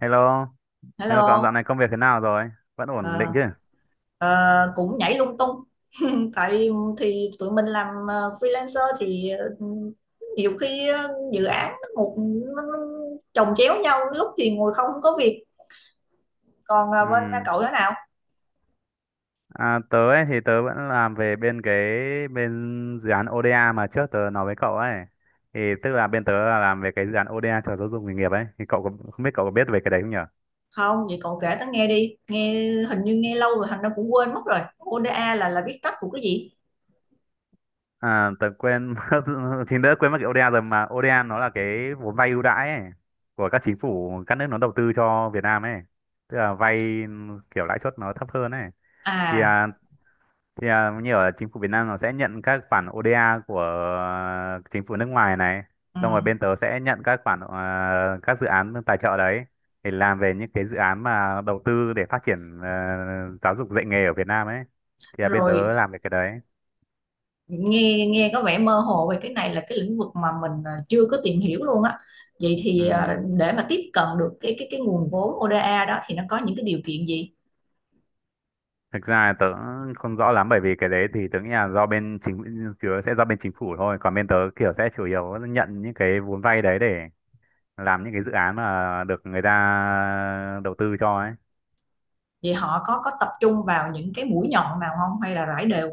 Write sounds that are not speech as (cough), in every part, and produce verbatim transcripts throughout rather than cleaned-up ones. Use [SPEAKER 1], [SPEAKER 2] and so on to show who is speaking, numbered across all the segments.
[SPEAKER 1] Hello, hello cậu dạo
[SPEAKER 2] Hello,
[SPEAKER 1] này công việc thế nào rồi? Vẫn ổn
[SPEAKER 2] ờ,
[SPEAKER 1] định chứ?
[SPEAKER 2] ờ, cũng nhảy lung tung. Tại thì tụi mình làm ờ, freelancer thì ờ, nhiều khi ờ, dự án nó một nó nó chồng chéo nhau, lúc thì ngồi không có việc. Còn ờ, bên ờ,
[SPEAKER 1] Ừm,
[SPEAKER 2] cậu thế nào?
[SPEAKER 1] À, tớ ấy thì tớ vẫn làm về bên cái bên dự án o đê a mà trước tớ nói với cậu ấy. Thì tức là bên tớ là làm về cái dự án o đê a cho giáo dục nghề nghiệp ấy. Thì cậu có, không biết cậu có biết về cái đấy không nhở?
[SPEAKER 2] Không, vậy cậu kể tớ nghe đi. Nghe hình như nghe lâu rồi, thành ra cũng quên mất rồi. o đê a là là viết tắt của cái gì?
[SPEAKER 1] À, tớ quên (laughs) mất, thì đỡ quên mất cái o đê a rồi, mà o đê a nó là cái vốn vay ưu đãi ấy, của các chính phủ các nước nó đầu tư cho Việt Nam ấy. Tức là vay kiểu lãi suất nó thấp hơn ấy. Thì
[SPEAKER 2] À,
[SPEAKER 1] à, thì à, như ở chính phủ Việt Nam nó sẽ nhận các khoản o đê a của à, chính phủ nước ngoài này,
[SPEAKER 2] ừ.
[SPEAKER 1] xong rồi bên tớ sẽ nhận các khoản à, các dự án tài trợ đấy để làm về những cái dự án mà đầu tư để phát triển, à, giáo dục dạy nghề ở Việt Nam ấy. Thì à, bên
[SPEAKER 2] Rồi,
[SPEAKER 1] tớ làm về cái đấy.
[SPEAKER 2] nghe nghe có vẻ mơ hồ về cái này, là cái lĩnh vực mà mình à, chưa có tìm hiểu luôn á. Vậy thì
[SPEAKER 1] Ừ.
[SPEAKER 2] à, để mà tiếp cận được cái cái cái nguồn vốn o đê a đó thì nó có những cái điều kiện gì?
[SPEAKER 1] Thực ra tớ không rõ lắm, bởi vì cái đấy thì tớ nghĩ là do bên chính chủ yếu sẽ do bên chính phủ thôi, còn bên tớ kiểu sẽ chủ yếu nhận những cái vốn vay đấy để làm những cái dự án mà được người ta đầu tư cho ấy.
[SPEAKER 2] Vậy họ có có tập trung vào những cái mũi nhọn nào không hay là rải đều?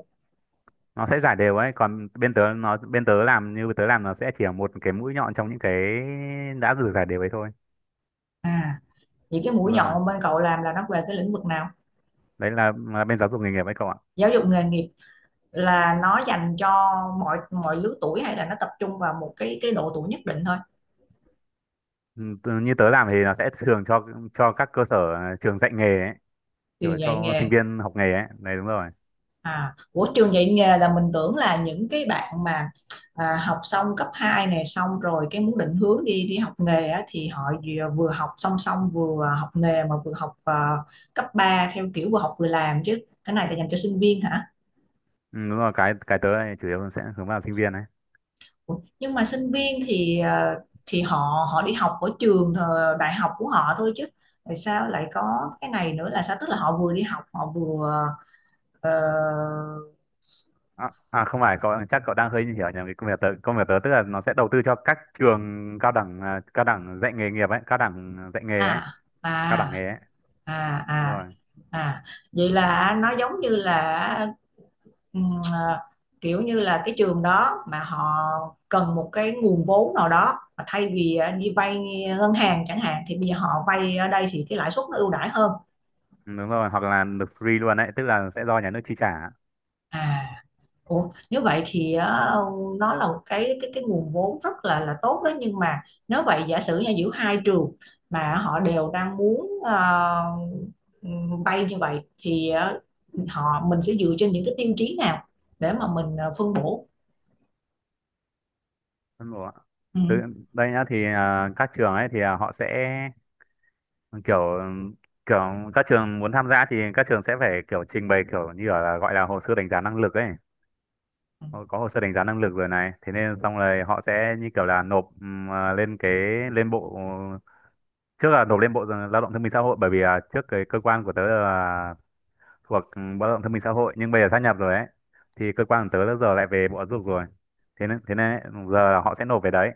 [SPEAKER 1] Nó sẽ giải đều ấy, còn bên tớ nó bên tớ làm, như tớ làm nó sẽ chỉ là một cái mũi nhọn trong những cái đã rửa giải đều ấy thôi.
[SPEAKER 2] À, vậy cái mũi
[SPEAKER 1] Đúng rồi,
[SPEAKER 2] nhọn bên cậu làm là nó về cái lĩnh vực nào?
[SPEAKER 1] đấy là, là bên giáo dục nghề nghiệp ấy cậu ạ.
[SPEAKER 2] Giáo dục nghề nghiệp là nó dành cho mọi mọi lứa tuổi hay là nó tập trung vào một cái cái độ tuổi nhất định thôi?
[SPEAKER 1] Ừ, tớ- như tớ làm thì nó sẽ thường cho cho các cơ sở trường dạy nghề ấy, kiểu
[SPEAKER 2] Trường dạy
[SPEAKER 1] cho sinh
[SPEAKER 2] nghề.
[SPEAKER 1] viên học nghề ấy, đấy đúng rồi.
[SPEAKER 2] À, của trường dạy nghề là mình tưởng là những cái bạn mà à, học xong cấp hai này, xong rồi cái muốn định hướng đi đi học nghề á, thì họ vừa, vừa học song song vừa học nghề mà vừa học à, cấp ba theo kiểu vừa học vừa làm chứ. Cái này là dành cho sinh viên hả?
[SPEAKER 1] Ừ, đúng rồi, cái cái tớ này chủ yếu sẽ hướng vào sinh viên ấy.
[SPEAKER 2] Ủa, nhưng mà sinh viên thì à, thì họ họ đi học ở trường ờ, đại học của họ thôi chứ tại sao lại có cái này nữa là sao, tức là họ vừa đi học họ vừa ờ,
[SPEAKER 1] À, à không phải, cậu chắc cậu đang hơi hiểu nhầm cái công việc tớ công việc tớ tức là nó sẽ đầu tư cho các trường cao đẳng, à, cao đẳng dạy nghề nghiệp ấy, cao đẳng dạy nghề ấy,
[SPEAKER 2] à,
[SPEAKER 1] cao đẳng
[SPEAKER 2] à,
[SPEAKER 1] nghề ấy,
[SPEAKER 2] à,
[SPEAKER 1] đúng
[SPEAKER 2] à.
[SPEAKER 1] rồi.
[SPEAKER 2] À, vậy là nó giống như là, ừm, à, kiểu như là cái trường đó mà họ cần một cái nguồn vốn nào đó mà thay vì à, đi vay ngân hàng chẳng hạn thì bây giờ họ vay ở đây thì cái lãi suất nó ưu đãi hơn.
[SPEAKER 1] Ừ, đúng rồi, hoặc là được free luôn đấy, tức là sẽ do nhà nước chi trả.
[SPEAKER 2] À. Ủa, nếu vậy thì á, nó là một cái cái cái nguồn vốn rất là là tốt đó nhưng mà nếu vậy giả sử như giữa hai trường mà họ đều đang muốn ờ, bay như vậy thì ờ, họ mình sẽ dựa trên những cái tiêu chí nào để mà mình ờ, phân bổ.
[SPEAKER 1] Đúng rồi ạ. Từ
[SPEAKER 2] Ừ.
[SPEAKER 1] đây nhá, thì à, các trường ấy thì à, họ sẽ kiểu kiểu các trường muốn tham gia thì các trường sẽ phải kiểu trình bày kiểu như kiểu là gọi là hồ sơ đánh giá năng lực ấy.
[SPEAKER 2] Ừ,
[SPEAKER 1] Họ có hồ sơ đánh giá năng lực rồi này, thế nên xong rồi họ sẽ như kiểu là nộp ừm, à, lên cái lên bộ, trước là nộp lên Bộ Lao động Thương binh Xã hội, bởi vì à, trước cái cơ quan của tớ là thuộc ừ, Bộ Lao động Thương binh Xã hội, nhưng bây giờ sát nhập rồi ấy, thì cơ quan của tớ đã giờ lại về Bộ Giáo dục rồi. Thế nên thế nên giờ là họ sẽ nộp về đấy,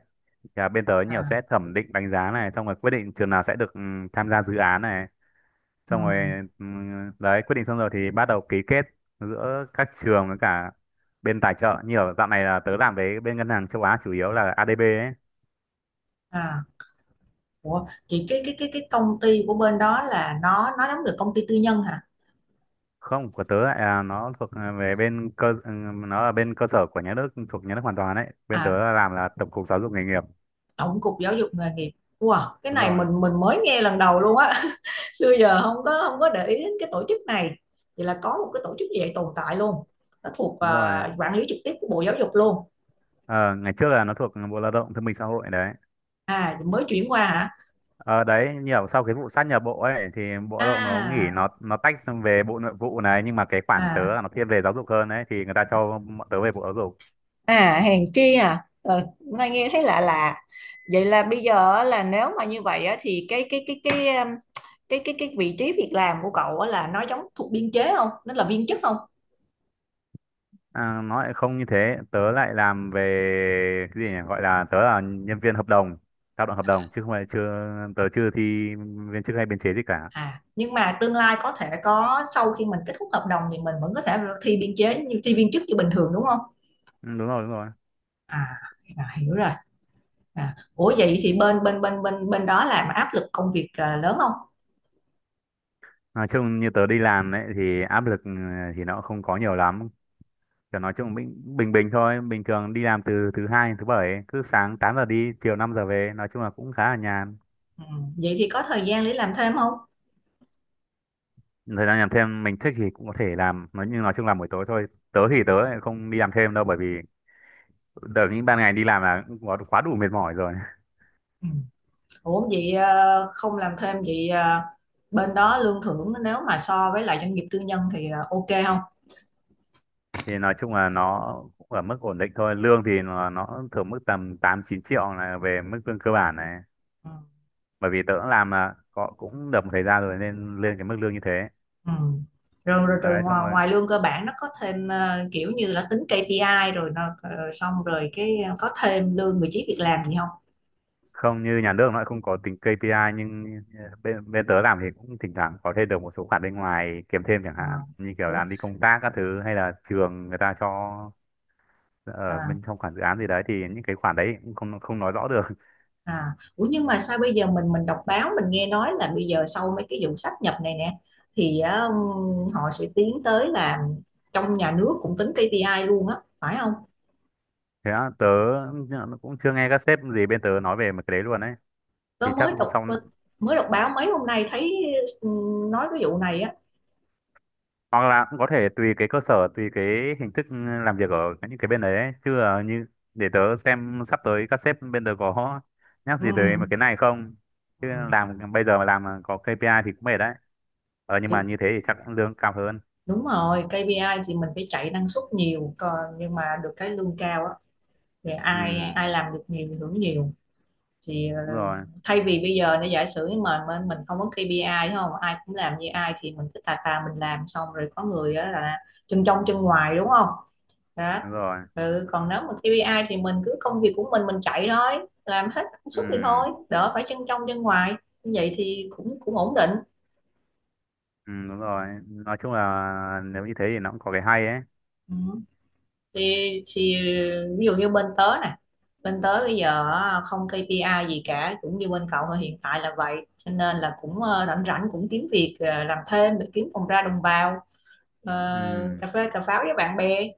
[SPEAKER 1] và bên tớ nhiều
[SPEAKER 2] à,
[SPEAKER 1] sẽ thẩm định đánh giá này, xong rồi quyết định trường nào sẽ được ừ, tham gia dự án này,
[SPEAKER 2] ừ,
[SPEAKER 1] xong rồi ừ, đấy, quyết định xong rồi thì bắt đầu ký kết giữa các trường với cả bên tài trợ, như ở dạo này là tớ làm với bên ngân hàng châu Á, chủ yếu là a đê bê ấy.
[SPEAKER 2] à. Ủa, thì cái cái cái cái công ty của bên đó là nó nó giống được công ty tư nhân hả?
[SPEAKER 1] Không, của tớ lại là nó thuộc ờ, về bên cơ ừ, nó là bên cơ sở của nhà nước, thuộc nhà nước hoàn toàn đấy, bên tớ
[SPEAKER 2] À,
[SPEAKER 1] là làm là Tổng cục Giáo dục Nghề nghiệp.
[SPEAKER 2] Tổng cục Giáo dục nghề nghiệp. Wow, cái
[SPEAKER 1] Đúng
[SPEAKER 2] này
[SPEAKER 1] rồi.
[SPEAKER 2] mình mình mới nghe lần đầu luôn á. (laughs) Xưa giờ không có không có để ý đến cái tổ chức này. Vậy là có một cái tổ chức như vậy tồn tại luôn. Nó thuộc
[SPEAKER 1] Đúng rồi.
[SPEAKER 2] à, quản lý trực tiếp của Bộ Giáo dục luôn?
[SPEAKER 1] Ờ, Ngày trước là nó thuộc Bộ Lao động Thương binh Xã hội đấy.
[SPEAKER 2] À, mới chuyển qua hả?
[SPEAKER 1] Ờ, Đấy, nhiều sau cái vụ sát nhập bộ ấy thì Bộ Lao động nó nghỉ
[SPEAKER 2] À,
[SPEAKER 1] nó nó tách sang về Bộ Nội vụ này, nhưng mà cái khoản tớ
[SPEAKER 2] à,
[SPEAKER 1] là nó thiên về giáo dục hơn đấy, thì người ta cho bọn tớ về Bộ Giáo dục.
[SPEAKER 2] à, hèn chi. À, ờ, nghe nghe thấy lạ lạ. Vậy là bây giờ á, là nếu mà như vậy á, thì cái cái cái cái um, cái cái cái vị trí việc làm của cậu á, là nó giống thuộc biên chế không, nó là viên chức không?
[SPEAKER 1] À, nó lại không như thế, tớ lại làm về cái gì nhỉ? Gọi là tớ là nhân viên hợp đồng, lao động hợp đồng chứ không phải, chưa tớ chưa thi viên chức hay biên chế gì cả.
[SPEAKER 2] À, nhưng mà tương lai có thể có sau khi mình kết thúc hợp đồng thì mình vẫn có thể thi biên chế như thi viên chức như bình thường đúng không?
[SPEAKER 1] Ừ, đúng rồi, đúng rồi.
[SPEAKER 2] À, à hiểu rồi. À, ủa vậy thì bên bên bên bên bên đó làm áp lực công việc à, lớn không?
[SPEAKER 1] Nói chung như tớ đi làm ấy thì áp lực, ừ, thì nó không có nhiều lắm, kiểu nói chung bình bình bình thôi, bình thường đi làm từ thứ hai đến thứ bảy ấy. Cứ sáng tám giờ đi, chiều năm giờ về, nói chung là cũng khá là nhàn.
[SPEAKER 2] Ừ, vậy thì có thời gian để làm thêm không?
[SPEAKER 1] Thời gian làm thêm mình thích thì cũng có thể làm, nói nhưng nói chung là buổi tối thôi. Tớ thì tớ lại không đi làm thêm đâu, bởi vì đợt những ban ngày đi làm là cũng quá quá đủ mệt mỏi rồi.
[SPEAKER 2] Ừ. Ủa vậy à, không làm thêm vậy à, bên đó lương thưởng nếu mà so với lại doanh nghiệp tư nhân thì à, ok không?
[SPEAKER 1] (laughs) Thì nói chung là nó cũng ở mức ổn định thôi, lương thì nó, nó thường mức tầm tám chín triệu là về mức lương cơ bản này,
[SPEAKER 2] Ừ.
[SPEAKER 1] bởi vì tớ cũng làm là có cũng được một thời gian rồi nên lên cái mức lương như thế.
[SPEAKER 2] Ừ. Rồi, rồi, rồi,
[SPEAKER 1] Đấy xong
[SPEAKER 2] ngoài
[SPEAKER 1] rồi,
[SPEAKER 2] ngoài lương cơ bản nó có thêm ờ, kiểu như là tính kây pi ai rồi nó ờ, xong rồi cái ờ, có thêm lương vị trí việc làm gì không?
[SPEAKER 1] không như nhà nước nó lại không có tính ca pê i, nhưng bên bên tớ làm thì cũng thỉnh thoảng có thêm được một số khoản bên ngoài kiếm thêm, chẳng
[SPEAKER 2] Ờ.
[SPEAKER 1] hạn như kiểu
[SPEAKER 2] Ủa,
[SPEAKER 1] làm đi công tác các thứ, hay là trường người ta cho ở
[SPEAKER 2] à,
[SPEAKER 1] bên trong khoản dự án gì đấy, thì những cái khoản đấy cũng không không nói rõ được.
[SPEAKER 2] à. Ủa nhưng mà sao bây giờ mình mình đọc báo, mình nghe nói là bây giờ sau mấy cái vụ sáp nhập này nè thì ờ, họ sẽ tiến tới là trong nhà nước cũng tính ca pê i luôn á phải không?
[SPEAKER 1] Thế á? Tớ cũng chưa nghe các sếp gì bên tớ nói về một cái đấy luôn đấy,
[SPEAKER 2] Tớ
[SPEAKER 1] thì chắc
[SPEAKER 2] mới đọc
[SPEAKER 1] sau,
[SPEAKER 2] mới đọc báo mấy hôm nay thấy ừ, nói cái vụ này á.
[SPEAKER 1] hoặc là cũng có thể tùy cái cơ sở, tùy cái hình thức ừ, làm việc ở những cái bên đấy ấy. Chứ ờ, như để tớ xem sắp tới các sếp bên tớ có nhắc
[SPEAKER 2] Ừ.
[SPEAKER 1] gì tới một cái này không, chứ làm bây giờ mà làm mà có ca pê i thì cũng mệt đấy. Ờ nhưng mà
[SPEAKER 2] Ừ.
[SPEAKER 1] như thế thì chắc cũng lương cao hơn.
[SPEAKER 2] Đúng rồi, kây pi ai thì mình phải chạy năng suất nhiều, còn nhưng mà được cái lương cao á thì
[SPEAKER 1] Ừ,
[SPEAKER 2] ai ai làm được nhiều thì hưởng nhiều. Thì ờ,
[SPEAKER 1] đúng rồi,
[SPEAKER 2] thay vì bây giờ nó giả sử mà mình mình không có kây pi ai đúng không, ai cũng làm như ai thì mình cứ tà tà mình làm xong rồi có người đó là chân trong chân ngoài đúng không đó.
[SPEAKER 1] đúng rồi,
[SPEAKER 2] Ừ, còn nếu mà ca pê i thì mình cứ công việc của mình mình chạy thôi, làm hết công
[SPEAKER 1] ừ,
[SPEAKER 2] suất thì thôi, đỡ phải chân trong chân ngoài. Như vậy thì cũng cũng ổn định.
[SPEAKER 1] ừ, đúng rồi. Nói chung là nếu như thế thì nó cũng có cái hay ấy.
[SPEAKER 2] Ừ. thì, thì ví dụ như bên tớ nè, bên tớ bây giờ á, không kây pi ai gì cả, cũng như bên cậu thôi, hiện tại là vậy. Cho nên là cũng ờ, rảnh rảnh cũng kiếm việc ờ, làm thêm để kiếm phòng ra đồng bào ờ,
[SPEAKER 1] Ừ,
[SPEAKER 2] cà phê cà pháo với bạn bè.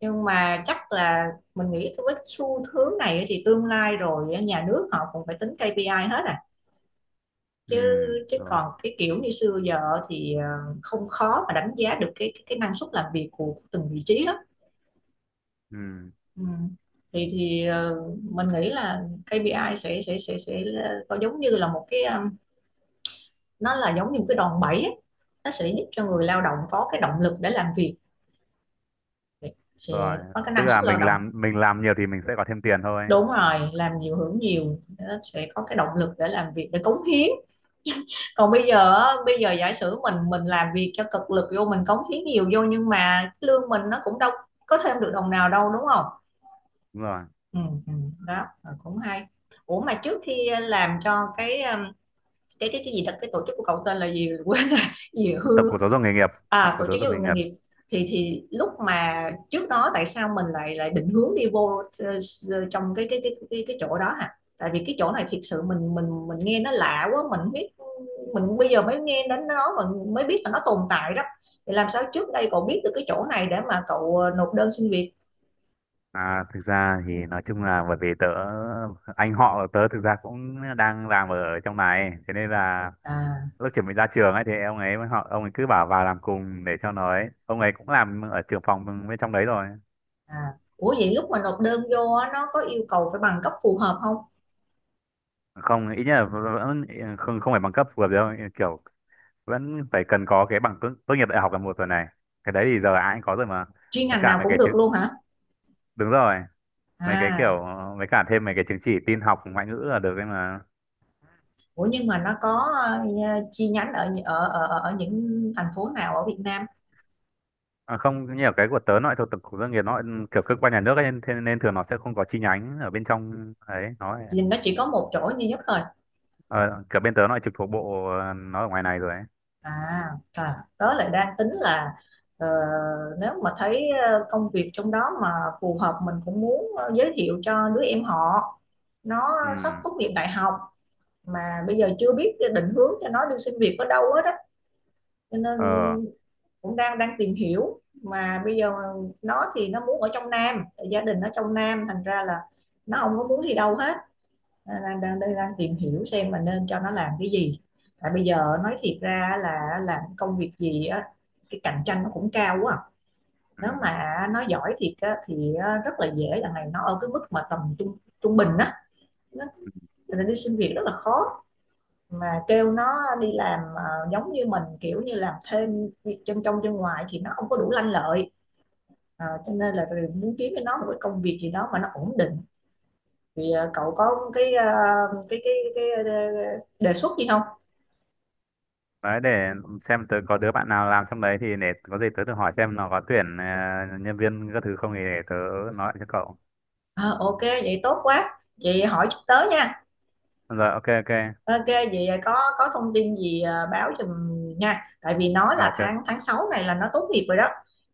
[SPEAKER 2] Nhưng mà chắc là mình nghĩ với cái xu hướng này á thì tương lai rồi á, nhà nước họ cũng phải tính ca pê i hết à
[SPEAKER 1] ừ,
[SPEAKER 2] chứ. chứ
[SPEAKER 1] đúng
[SPEAKER 2] còn cái kiểu như xưa giờ thì ờ, không khó mà đánh giá được cái cái, cái năng suất làm việc của từng vị trí lắm.
[SPEAKER 1] ừ
[SPEAKER 2] Ừ. Thì thì ờ, mình nghĩ là kây pi ai sẽ sẽ sẽ sẽ là- có giống như là một cái um, nó là giống như một cái đòn bẩy ấy. Nó sẽ giúp cho người lao động có cái động lực để làm việc, sẽ
[SPEAKER 1] rồi.
[SPEAKER 2] có cái
[SPEAKER 1] Tức
[SPEAKER 2] năng suất
[SPEAKER 1] là
[SPEAKER 2] lao
[SPEAKER 1] mình
[SPEAKER 2] động.
[SPEAKER 1] làm mình làm nhiều thì mình sẽ có thêm tiền thôi.
[SPEAKER 2] Đúng rồi, làm nhiều hưởng nhiều, nó sẽ có cái động lực để làm việc, để cống hiến. Còn bây giờ á, bây giờ giả sử mình mình làm việc cho cực lực vô, mình cống hiến nhiều vô, nhưng mà cái lương mình nó cũng đâu có thêm được đồng nào đâu đúng không?
[SPEAKER 1] Đúng rồi.
[SPEAKER 2] Ừ, ừ, đó ờ, cũng hay. Ủa mà trước khi ờ, làm cho cái um, cái cái cái gì thật, cái tổ chức của cậu tên là gì? (laughs) Quên rồi, gì hư
[SPEAKER 1] Tổng cục Giáo dục Nghề nghiệp. Tổng
[SPEAKER 2] à, tổ
[SPEAKER 1] cục Giáo
[SPEAKER 2] chức
[SPEAKER 1] dục
[SPEAKER 2] giáo dục
[SPEAKER 1] Nghề
[SPEAKER 2] nghề
[SPEAKER 1] nghiệp.
[SPEAKER 2] nghiệp. Thì thì lúc mà trước đó tại sao mình lại lại định hướng đi vô ờ, trong cái cái cái cái cái chỗ đó hả? Tại vì cái chỗ này thiệt sự mình mình mình nghe nó lạ quá. Mình biết, mình bây giờ mới nghe đến nó mà, mới biết là nó tồn tại đó. Thì làm sao trước đây cậu biết được cái chỗ này để mà cậu ờ, nộp đơn xin việc?
[SPEAKER 1] À, thực ra thì nói chung là bởi vì tớ anh họ của tớ thực ra cũng đang làm ở trong này, thế nên là
[SPEAKER 2] À,
[SPEAKER 1] lúc chuẩn bị ra trường ấy thì ông ấy họ ông ấy cứ bảo vào làm cùng để cho nó ấy, ông ấy cũng làm ở trưởng phòng bên trong đấy rồi.
[SPEAKER 2] à, ủa vậy lúc mà nộp đơn vô nó có yêu cầu phải bằng cấp phù hợp không?
[SPEAKER 1] Không, ít nhất là vẫn không không phải bằng cấp vừa đâu, kiểu vẫn phải cần có cái bằng tốt tốt nghiệp đại học là một rồi này, cái đấy thì giờ ai cũng có rồi mà.
[SPEAKER 2] Chuyên
[SPEAKER 1] Mấy
[SPEAKER 2] ngành
[SPEAKER 1] cả
[SPEAKER 2] nào
[SPEAKER 1] mấy
[SPEAKER 2] cũng
[SPEAKER 1] cái
[SPEAKER 2] được
[SPEAKER 1] chứng,
[SPEAKER 2] luôn hả?
[SPEAKER 1] đúng rồi, mấy cái
[SPEAKER 2] À,
[SPEAKER 1] kiểu, mấy cả thêm mấy cái chứng chỉ tin học ngoại ngữ là được ấy mà.
[SPEAKER 2] ủa nhưng mà nó có ờ, chi nhánh ở ở ở ở những thành phố nào ở Việt Nam?
[SPEAKER 1] À không, như ở cái của tớ nó lại thuộc Tổng cục Doanh nghiệp, nó lại kiểu cơ quan nhà nước ấy, nên thế nên thường nó sẽ không có chi nhánh ở bên trong ấy, nó lại-
[SPEAKER 2] Thì nó chỉ có một chỗ duy nhất thôi.
[SPEAKER 1] ờ, kiểu bên tớ nó lại trực thuộc bộ, ờ, nó ở ngoài này rồi ấy.
[SPEAKER 2] À, à, đó lại đang tính là ờ, nếu mà thấy ờ, công việc trong đó mà phù hợp, mình cũng muốn ờ, giới thiệu cho đứa em họ. Nó
[SPEAKER 1] Ừ.
[SPEAKER 2] sắp tốt nghiệp đại học mà bây giờ chưa biết định hướng cho nó đi xin việc ở đâu hết á. Cho nên
[SPEAKER 1] Ờ.
[SPEAKER 2] cũng đang đang tìm hiểu mà bây giờ, nó thì nó muốn ở trong Nam, gia đình nó trong Nam, thành ra là nó không có muốn đi đâu hết. Đang đang đang, đang tìm hiểu xem mà nên cho nó làm cái gì. Tại bây giờ nói thiệt ra là làm công việc gì á, cái cạnh tranh nó cũng cao quá à. Nếu
[SPEAKER 1] Ừ.
[SPEAKER 2] mà nó giỏi thiệt á, thì rất là dễ, là này nó ở cái mức mà tầm trung trung bình á. Cho nên đi xin việc rất là khó, mà kêu nó đi làm ờ, giống như mình kiểu như làm thêm việc chân trong chân ngoài thì nó không có đủ lanh lợi. Ờ, cho nên là rồi muốn kiếm cho nó một cái công việc gì đó mà nó ổn định. Thì ờ, cậu có cái ờ, cái cái cái ờ, đề xuất gì không?
[SPEAKER 1] Đấy, để xem tớ có đứa bạn nào làm trong đấy, thì để có gì tớ thử hỏi xem nó có tuyển ờ, nhân viên các thứ không, thì để tớ nói lại cho cậu.
[SPEAKER 2] Ờ, ok vậy tốt quá, vậy hỏi chút tới nha.
[SPEAKER 1] Rồi, ok ok.
[SPEAKER 2] Ok vậy có có thông tin gì ờ, báo giùm nha, tại vì nó
[SPEAKER 1] Ờ,
[SPEAKER 2] là
[SPEAKER 1] ok ok
[SPEAKER 2] tháng tháng sáu này là nó tốt nghiệp rồi đó.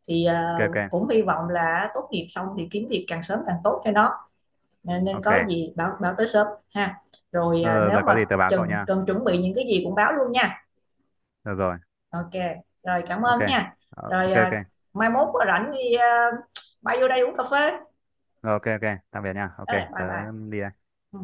[SPEAKER 2] Thì ờ,
[SPEAKER 1] ok.
[SPEAKER 2] cũng hy vọng là tốt nghiệp xong thì kiếm việc càng sớm càng tốt cho nó. Nên,
[SPEAKER 1] Ok.
[SPEAKER 2] có gì báo báo tới shop ha. Rồi
[SPEAKER 1] Rồi,
[SPEAKER 2] à,
[SPEAKER 1] rồi,
[SPEAKER 2] nếu
[SPEAKER 1] rồi có
[SPEAKER 2] mà
[SPEAKER 1] gì tớ báo cậu
[SPEAKER 2] cần
[SPEAKER 1] nha.
[SPEAKER 2] cần chuẩn bị những cái gì cũng báo luôn nha.
[SPEAKER 1] Được rồi.
[SPEAKER 2] Ok, rồi cảm
[SPEAKER 1] Ok.
[SPEAKER 2] ơn nha.
[SPEAKER 1] Ờ,
[SPEAKER 2] Rồi
[SPEAKER 1] ok
[SPEAKER 2] à,
[SPEAKER 1] ok.
[SPEAKER 2] mai mốt có rảnh thì à, bay vô đây uống cà phê.
[SPEAKER 1] Rồi, ok ok. Tạm biệt nha. Ok,
[SPEAKER 2] Ờ, bye
[SPEAKER 1] tớ
[SPEAKER 2] bye.
[SPEAKER 1] đi đây.
[SPEAKER 2] Ừ.